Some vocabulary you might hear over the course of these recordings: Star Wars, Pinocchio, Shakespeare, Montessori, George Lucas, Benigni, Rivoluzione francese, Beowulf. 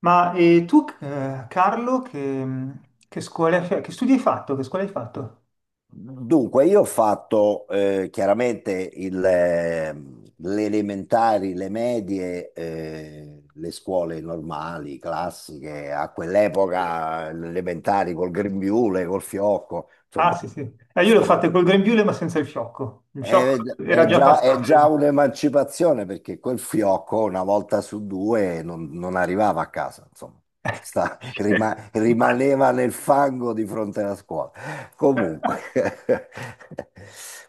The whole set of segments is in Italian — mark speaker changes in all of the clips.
Speaker 1: Ma e tu, Carlo, mm, che scuola, cioè, che studi hai fatto? Che scuola hai fatto?
Speaker 2: Dunque, io ho fatto chiaramente le elementari, le medie, le scuole normali, classiche, a quell'epoca le elementari col grembiule, col fiocco,
Speaker 1: Ah,
Speaker 2: insomma,
Speaker 1: sì, sì. Io l'ho fatta
Speaker 2: scuola.
Speaker 1: col grembiule, ma senza il fiocco. Il fiocco
Speaker 2: È,
Speaker 1: era
Speaker 2: è
Speaker 1: già
Speaker 2: già, è
Speaker 1: passato.
Speaker 2: già
Speaker 1: prima.
Speaker 2: un'emancipazione perché quel fiocco una volta su due non arrivava a casa, insomma,
Speaker 1: Eh, vai.
Speaker 2: rimaneva nel fango di fronte alla scuola. Comunque,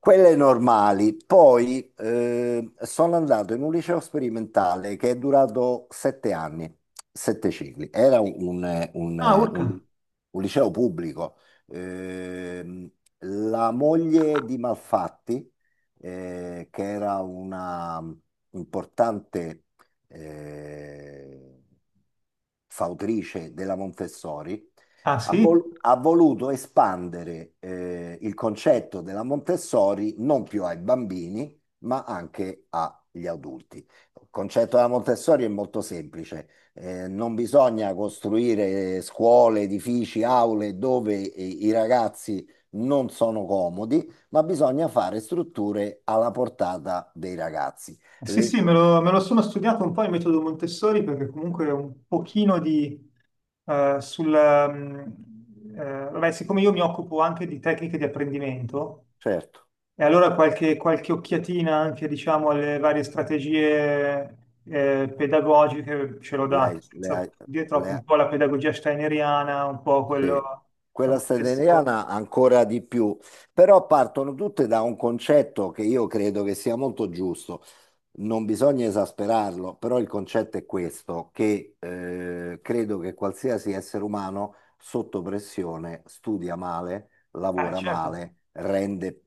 Speaker 2: quelle normali. Poi sono andato in un liceo sperimentale che è durato 7 anni, sette cicli. Era
Speaker 1: Ah, urca.
Speaker 2: un liceo pubblico. Ehm, la moglie di Malfatti che era una importante eh, fautrice della Montessori,
Speaker 1: Ah, sì?
Speaker 2: ha voluto espandere il concetto della Montessori non più ai bambini, ma anche agli adulti. Il concetto della Montessori è molto semplice. Non bisogna costruire scuole, edifici, aule dove i ragazzi non sono comodi, ma bisogna fare strutture alla portata dei ragazzi.
Speaker 1: Sì,
Speaker 2: Le-
Speaker 1: sì, me lo sono studiato un po' il metodo Montessori, perché comunque è un pochino di... eh, sul... mm, vabbè, siccome io mi occupo anche di tecniche di apprendimento.
Speaker 2: certo,
Speaker 1: E allora qualche occhiatina anche, diciamo, alle varie strategie pedagogiche ce l'ho data,
Speaker 2: lei,
Speaker 1: senza dire
Speaker 2: le
Speaker 1: troppo, un
Speaker 2: ha-
Speaker 1: po' la pedagogia steineriana, un po' quello...
Speaker 2: sì.
Speaker 1: la
Speaker 2: Quella statunitense
Speaker 1: Montessori.
Speaker 2: ancora di più, però partono tutte da un concetto che io credo che sia molto giusto. Non bisogna esasperarlo, però il concetto è questo, che credo che qualsiasi essere umano sotto pressione studia male,
Speaker 1: Ah,
Speaker 2: lavora
Speaker 1: certo.
Speaker 2: male, rende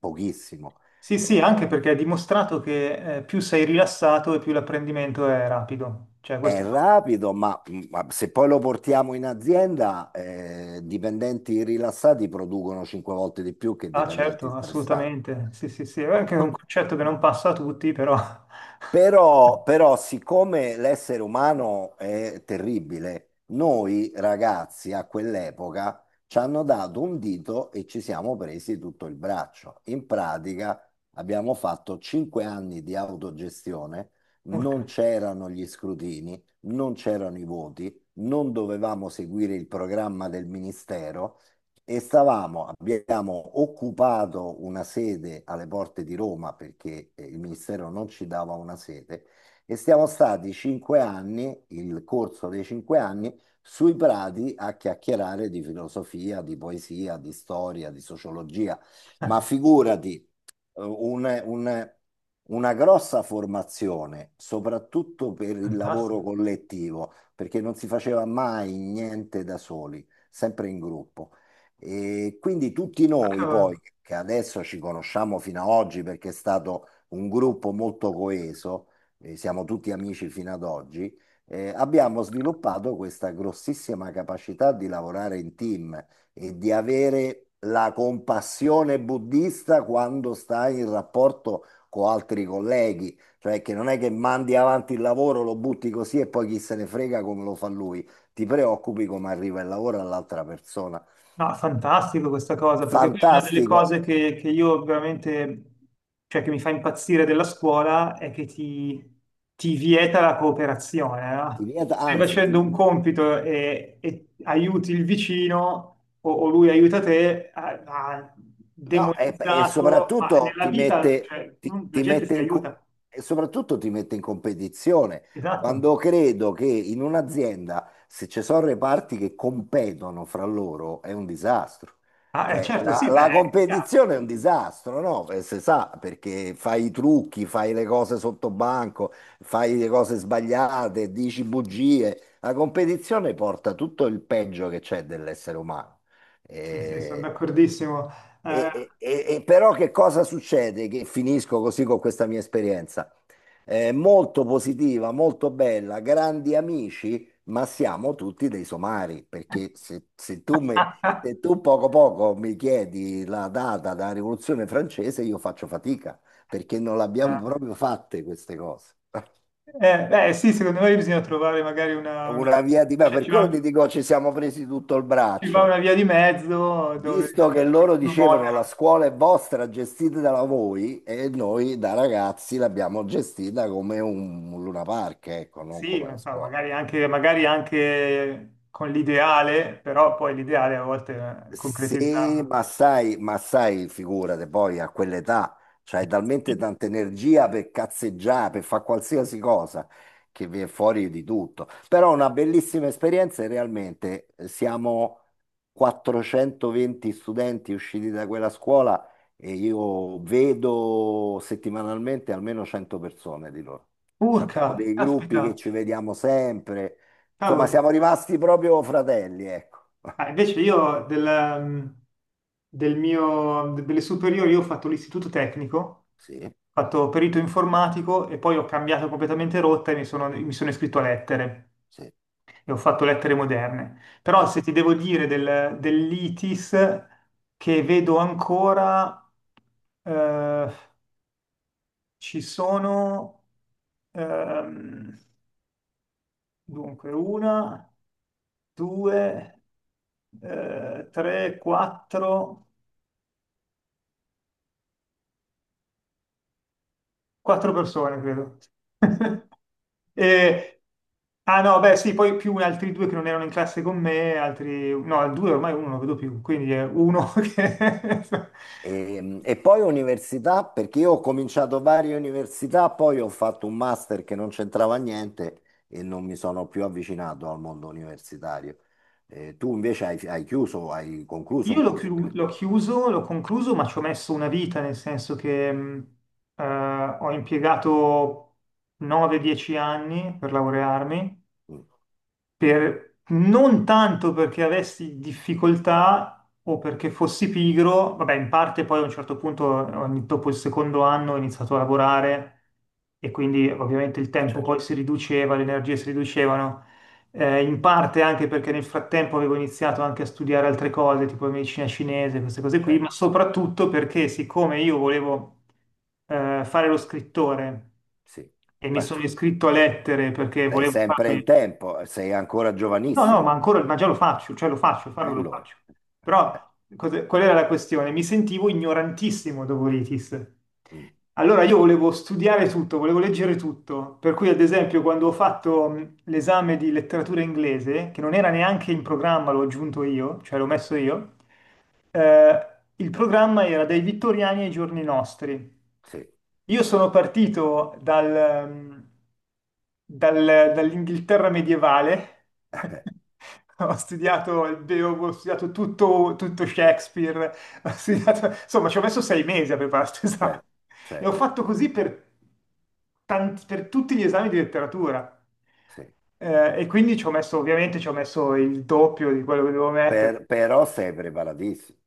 Speaker 2: pochissimo.
Speaker 1: Sì, sì, anche
Speaker 2: Eh,
Speaker 1: perché è dimostrato che più sei rilassato e più l'apprendimento è rapido. Cioè,
Speaker 2: È
Speaker 1: questo...
Speaker 2: rapido, ma se poi lo portiamo in azienda, dipendenti rilassati producono 5 volte di più che
Speaker 1: Ah,
Speaker 2: dipendenti
Speaker 1: certo,
Speaker 2: stressati.
Speaker 1: assolutamente. Sì, sì, sì, è anche un concetto che non passa a tutti, però...
Speaker 2: Però, siccome l'essere umano è terribile, noi ragazzi a quell'epoca ci hanno dato un dito e ci siamo presi tutto il braccio. In pratica abbiamo fatto 5 anni di autogestione, non
Speaker 1: Urca.
Speaker 2: c'erano gli scrutini, non c'erano i voti, non dovevamo seguire il programma del ministero e abbiamo occupato una sede alle porte di Roma perché il ministero non ci dava una sede e siamo stati 5 anni, il corso dei 5 anni, sui prati a chiacchierare di filosofia, di poesia, di storia, di sociologia. Ma figurati, eh, un- un- una grossa formazione, soprattutto per il lavoro
Speaker 1: Fantastico.
Speaker 2: collettivo, perché non si faceva mai niente da soli, sempre in gruppo. E quindi tutti noi
Speaker 1: Cavolo.
Speaker 2: poi, che adesso ci conosciamo fino ad oggi perché è stato un gruppo molto coeso, siamo tutti amici fino ad oggi, abbiamo sviluppato questa grossissima capacità di lavorare in team e di avere la compassione buddista quando stai in rapporto con altri colleghi, cioè che non è che mandi avanti il lavoro, lo butti così e poi chi se ne frega come lo fa lui, ti preoccupi come arriva il lavoro all'altra persona.
Speaker 1: No, fantastico questa cosa, perché poi una delle
Speaker 2: Fantastico.
Speaker 1: cose che io veramente, cioè che mi fa impazzire della scuola è che ti vieta la cooperazione,
Speaker 2: Ti
Speaker 1: no?
Speaker 2: vieta,
Speaker 1: Stai
Speaker 2: anzi, ti,
Speaker 1: facendo un compito e aiuti il vicino o lui aiuta te, ha
Speaker 2: No, e
Speaker 1: demonizzato, ma
Speaker 2: soprattutto
Speaker 1: nella
Speaker 2: ti
Speaker 1: vita,
Speaker 2: mette,
Speaker 1: cioè,
Speaker 2: ti-
Speaker 1: non- la
Speaker 2: ti
Speaker 1: gente
Speaker 2: mette
Speaker 1: si
Speaker 2: in, co-
Speaker 1: aiuta.
Speaker 2: e soprattutto ti mette in competizione.
Speaker 1: Esatto.
Speaker 2: Quando credo che in un'azienda, se ci sono reparti che competono fra loro, è un disastro.
Speaker 1: Ah,
Speaker 2: Cioè,
Speaker 1: certo,
Speaker 2: la,
Speaker 1: sì, beh,
Speaker 2: la
Speaker 1: è chiaro.
Speaker 2: competizione è un disastro, no? Si sa, perché fai i trucchi, fai le cose sotto banco, fai le cose sbagliate, dici bugie. La competizione porta tutto il peggio che c'è dell'essere umano.
Speaker 1: Sì, sì, sono
Speaker 2: Eh,
Speaker 1: d'accordissimo. Eh,
Speaker 2: però che cosa succede? Che finisco così con questa mia esperienza. Molto positiva, molto bella, grandi amici, ma siamo tutti dei somari, perché se tu poco poco mi chiedi la data della Rivoluzione francese, io faccio fatica, perché non l'abbiamo proprio fatte queste cose.
Speaker 1: Beh, sì, secondo me bisogna trovare magari
Speaker 2: Una via di me,
Speaker 1: cioè,
Speaker 2: Per quello ti dico ci siamo presi tutto il
Speaker 1: ci va
Speaker 2: braccio.
Speaker 1: una via di mezzo dove
Speaker 2: Visto che
Speaker 1: diciamo,
Speaker 2: loro
Speaker 1: uno
Speaker 2: dicevano la
Speaker 1: modera.
Speaker 2: scuola è vostra, gestita da voi, e noi da ragazzi l'abbiamo gestita come un Luna Park, ecco, non
Speaker 1: Sì,
Speaker 2: come una
Speaker 1: non so,
Speaker 2: scuola.
Speaker 1: magari anche con l'ideale, però poi l'ideale a volte è
Speaker 2: Sì,
Speaker 1: concretizzarlo.
Speaker 2: ma sai, figurate, poi a quell'età c'hai talmente tanta energia per cazzeggiare, per fare qualsiasi cosa, che viene fuori di tutto. Però una bellissima esperienza e realmente siamo 420 studenti usciti da quella scuola e io vedo settimanalmente almeno 100 persone di loro. Ci abbiamo
Speaker 1: Urca,
Speaker 2: dei gruppi che
Speaker 1: aspetta,
Speaker 2: ci vediamo sempre, insomma
Speaker 1: cavolo.
Speaker 2: siamo rimasti proprio fratelli, ecco.
Speaker 1: Ah, invece io delle superiori io ho fatto l'istituto tecnico, ho
Speaker 2: Sì,
Speaker 1: fatto perito informatico e poi ho cambiato completamente rotta e mi sono iscritto a lettere.
Speaker 2: sì.
Speaker 1: E ho fatto lettere moderne. Però
Speaker 2: Sì.
Speaker 1: se ti devo dire dell'ITIS che vedo ancora, eh, ci sono ehm, dunque una, due, tre, quattro, quattro persone, credo.
Speaker 2: Mm.
Speaker 1: E- ah no, beh sì, poi più altri due che non erano in classe con me, altri... No, due ormai uno non lo vedo più, quindi è uno che...
Speaker 2: E poi università, perché io ho cominciato varie università, poi ho fatto un master che non c'entrava niente e non mi sono più avvicinato al mondo universitario. Tu invece hai chiuso, hai concluso un corso universitario.
Speaker 1: L'ho chiuso, l'ho concluso, ma ci ho messo una vita, nel senso che eh, ho impiegato 9-10 anni per laurearmi non tanto perché avessi difficoltà o perché fossi pigro, vabbè, in parte poi a un certo punto, dopo il secondo anno, ho iniziato a lavorare e quindi ovviamente il tempo
Speaker 2: Certo,
Speaker 1: poi si riduceva, le energie si riducevano, in parte anche perché nel frattempo avevo iniziato anche a studiare altre cose, tipo medicina cinese, queste cose qui,
Speaker 2: certo,
Speaker 1: ma soprattutto perché siccome io volevo fare lo scrittore
Speaker 2: sì.
Speaker 1: e mi
Speaker 2: Beh,
Speaker 1: sono iscritto a lettere perché
Speaker 2: sei
Speaker 1: volevo
Speaker 2: sempre in
Speaker 1: farmi...
Speaker 2: tempo, sei ancora
Speaker 1: No, no,
Speaker 2: giovanissimo.
Speaker 1: ma ancora, ma già lo faccio, cioè lo faccio,
Speaker 2: E
Speaker 1: farlo lo
Speaker 2: allora?
Speaker 1: faccio.
Speaker 2: Beh,
Speaker 1: Però qual era la questione? Mi sentivo ignorantissimo dopo l'ITIS.
Speaker 2: mm,
Speaker 1: Allora io volevo studiare tutto, volevo leggere tutto, per cui ad esempio quando ho fatto l'esame di letteratura inglese, che non era neanche in programma, l'ho aggiunto io, cioè l'ho messo io, eh, il programma era dai Vittoriani ai giorni nostri.
Speaker 2: sì,
Speaker 1: Io sono partito dall'Inghilterra medievale, ho studiato il Beowulf, ho studiato tutto, tutto Shakespeare, insomma ci ho messo 6 mesi a preparare questo esame
Speaker 2: certo,
Speaker 1: e ho
Speaker 2: certo,
Speaker 1: fatto così per, per tutti gli esami di letteratura.
Speaker 2: sì.
Speaker 1: E quindi ci ho messo, ovviamente ci ho messo il doppio di quello che dovevo mettere.
Speaker 2: Però sei preparatissimo.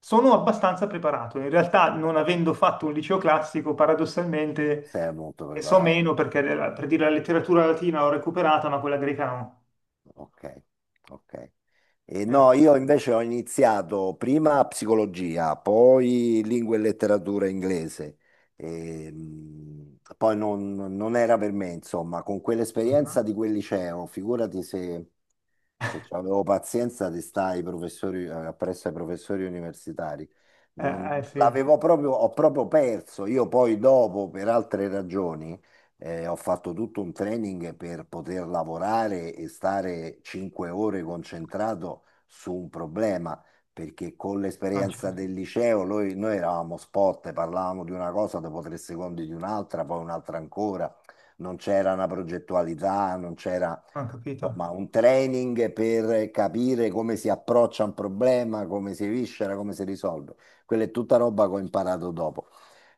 Speaker 1: Sono abbastanza preparato, in realtà non avendo fatto un liceo classico, paradossalmente
Speaker 2: Sei molto
Speaker 1: so
Speaker 2: preparato,
Speaker 1: meno perché per dire la letteratura latina l'ho recuperata, ma quella greca no.
Speaker 2: ok, ok. E
Speaker 1: Eh,
Speaker 2: no, io invece ho iniziato prima psicologia, poi lingua e letteratura inglese. E, poi non era per me, insomma, con
Speaker 1: ah,
Speaker 2: quell'esperienza di quel liceo, figurati se avevo pazienza di stare ai professori, appresso ai professori universitari. Non,
Speaker 1: sì,
Speaker 2: l'avevo proprio, ho proprio perso, io poi dopo, per altre ragioni. Ho fatto tutto un training per poter lavorare e stare 5 ore concentrato su un problema, perché con
Speaker 1: ah,
Speaker 2: l'esperienza
Speaker 1: certo,
Speaker 2: del liceo noi eravamo spot, parlavamo di una cosa, dopo 3 secondi di un'altra, poi un'altra ancora, non c'era una progettualità, non c'era
Speaker 1: ho capito.
Speaker 2: insomma, un training per capire come si approccia un problema, come si viscera, come si risolve. Quella è tutta roba che ho imparato dopo.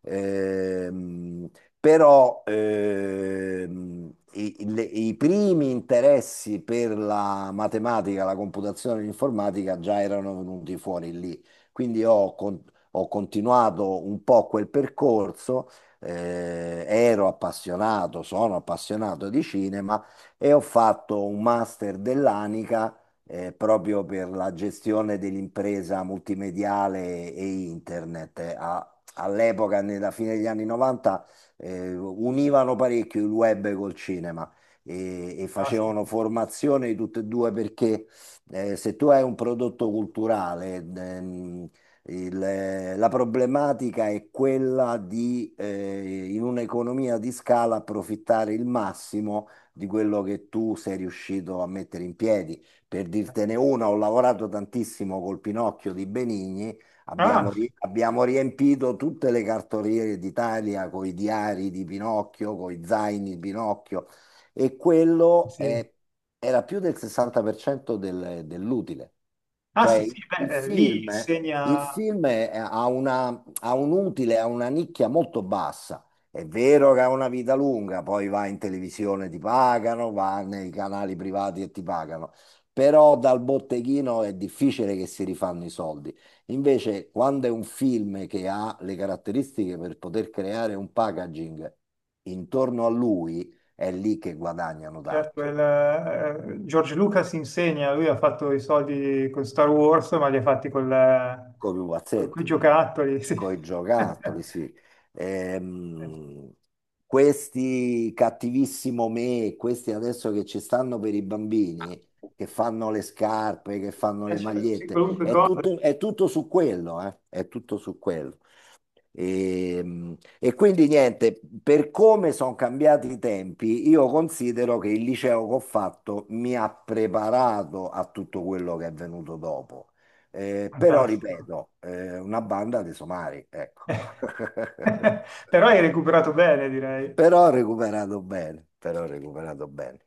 Speaker 2: Ehm, Però i primi interessi per la matematica, la computazione e l'informatica già erano venuti fuori lì. Quindi ho continuato un po' quel percorso, ero appassionato, sono appassionato di cinema e ho fatto un master dell'Anica. Proprio per la gestione dell'impresa multimediale e internet. All'epoca, nella fine degli anni 90, univano parecchio il web col cinema e facevano
Speaker 1: Fantastico.
Speaker 2: formazione di tutte e due perché se tu hai un prodotto culturale, il- la problematica è quella di, in un'economia di scala, approfittare il massimo di quello che tu sei riuscito a mettere in piedi. Per dirtene una, ho lavorato tantissimo col Pinocchio di Benigni. Abbiamo,
Speaker 1: Ah,
Speaker 2: ri- abbiamo riempito tutte le cartoliere d'Italia con i diari di Pinocchio, con i zaini di Pinocchio e quello
Speaker 1: sì.
Speaker 2: era più del 60% dell'utile.
Speaker 1: Ah, sì,
Speaker 2: Cioè
Speaker 1: sì,
Speaker 2: il
Speaker 1: beh, lì
Speaker 2: film, il
Speaker 1: insegna,
Speaker 2: film ha un utile, ha una nicchia molto bassa. È vero che ha una vita lunga, poi va in televisione, ti pagano, va nei canali privati e ti pagano, però dal botteghino è difficile che si rifanno i soldi. Invece, quando è un film che ha le caratteristiche per poter creare un packaging intorno a lui, è lì che guadagnano
Speaker 1: certo,
Speaker 2: tanto,
Speaker 1: George Lucas insegna, lui ha fatto i soldi con Star Wars, ma li ha fatti
Speaker 2: con i
Speaker 1: con quei
Speaker 2: pupazzetti,
Speaker 1: giocattoli, sì.
Speaker 2: con i giocattoli, sì. Ehm, Questi cattivissimo me, questi adesso che ci stanno per i bambini, che fanno le scarpe, che fanno le
Speaker 1: Certo, sì,
Speaker 2: magliette,
Speaker 1: qualunque
Speaker 2: è
Speaker 1: cosa è
Speaker 2: tutto, è tutto su quello, eh? È tutto su quello. E quindi niente, per come sono cambiati i tempi, io considero che il liceo che ho fatto mi ha preparato a tutto quello che è venuto dopo. Però
Speaker 1: fantastico.
Speaker 2: ripeto, una banda dei somari, ecco.
Speaker 1: Però hai recuperato bene, direi.
Speaker 2: Però ho recuperato bene, però ho recuperato bene.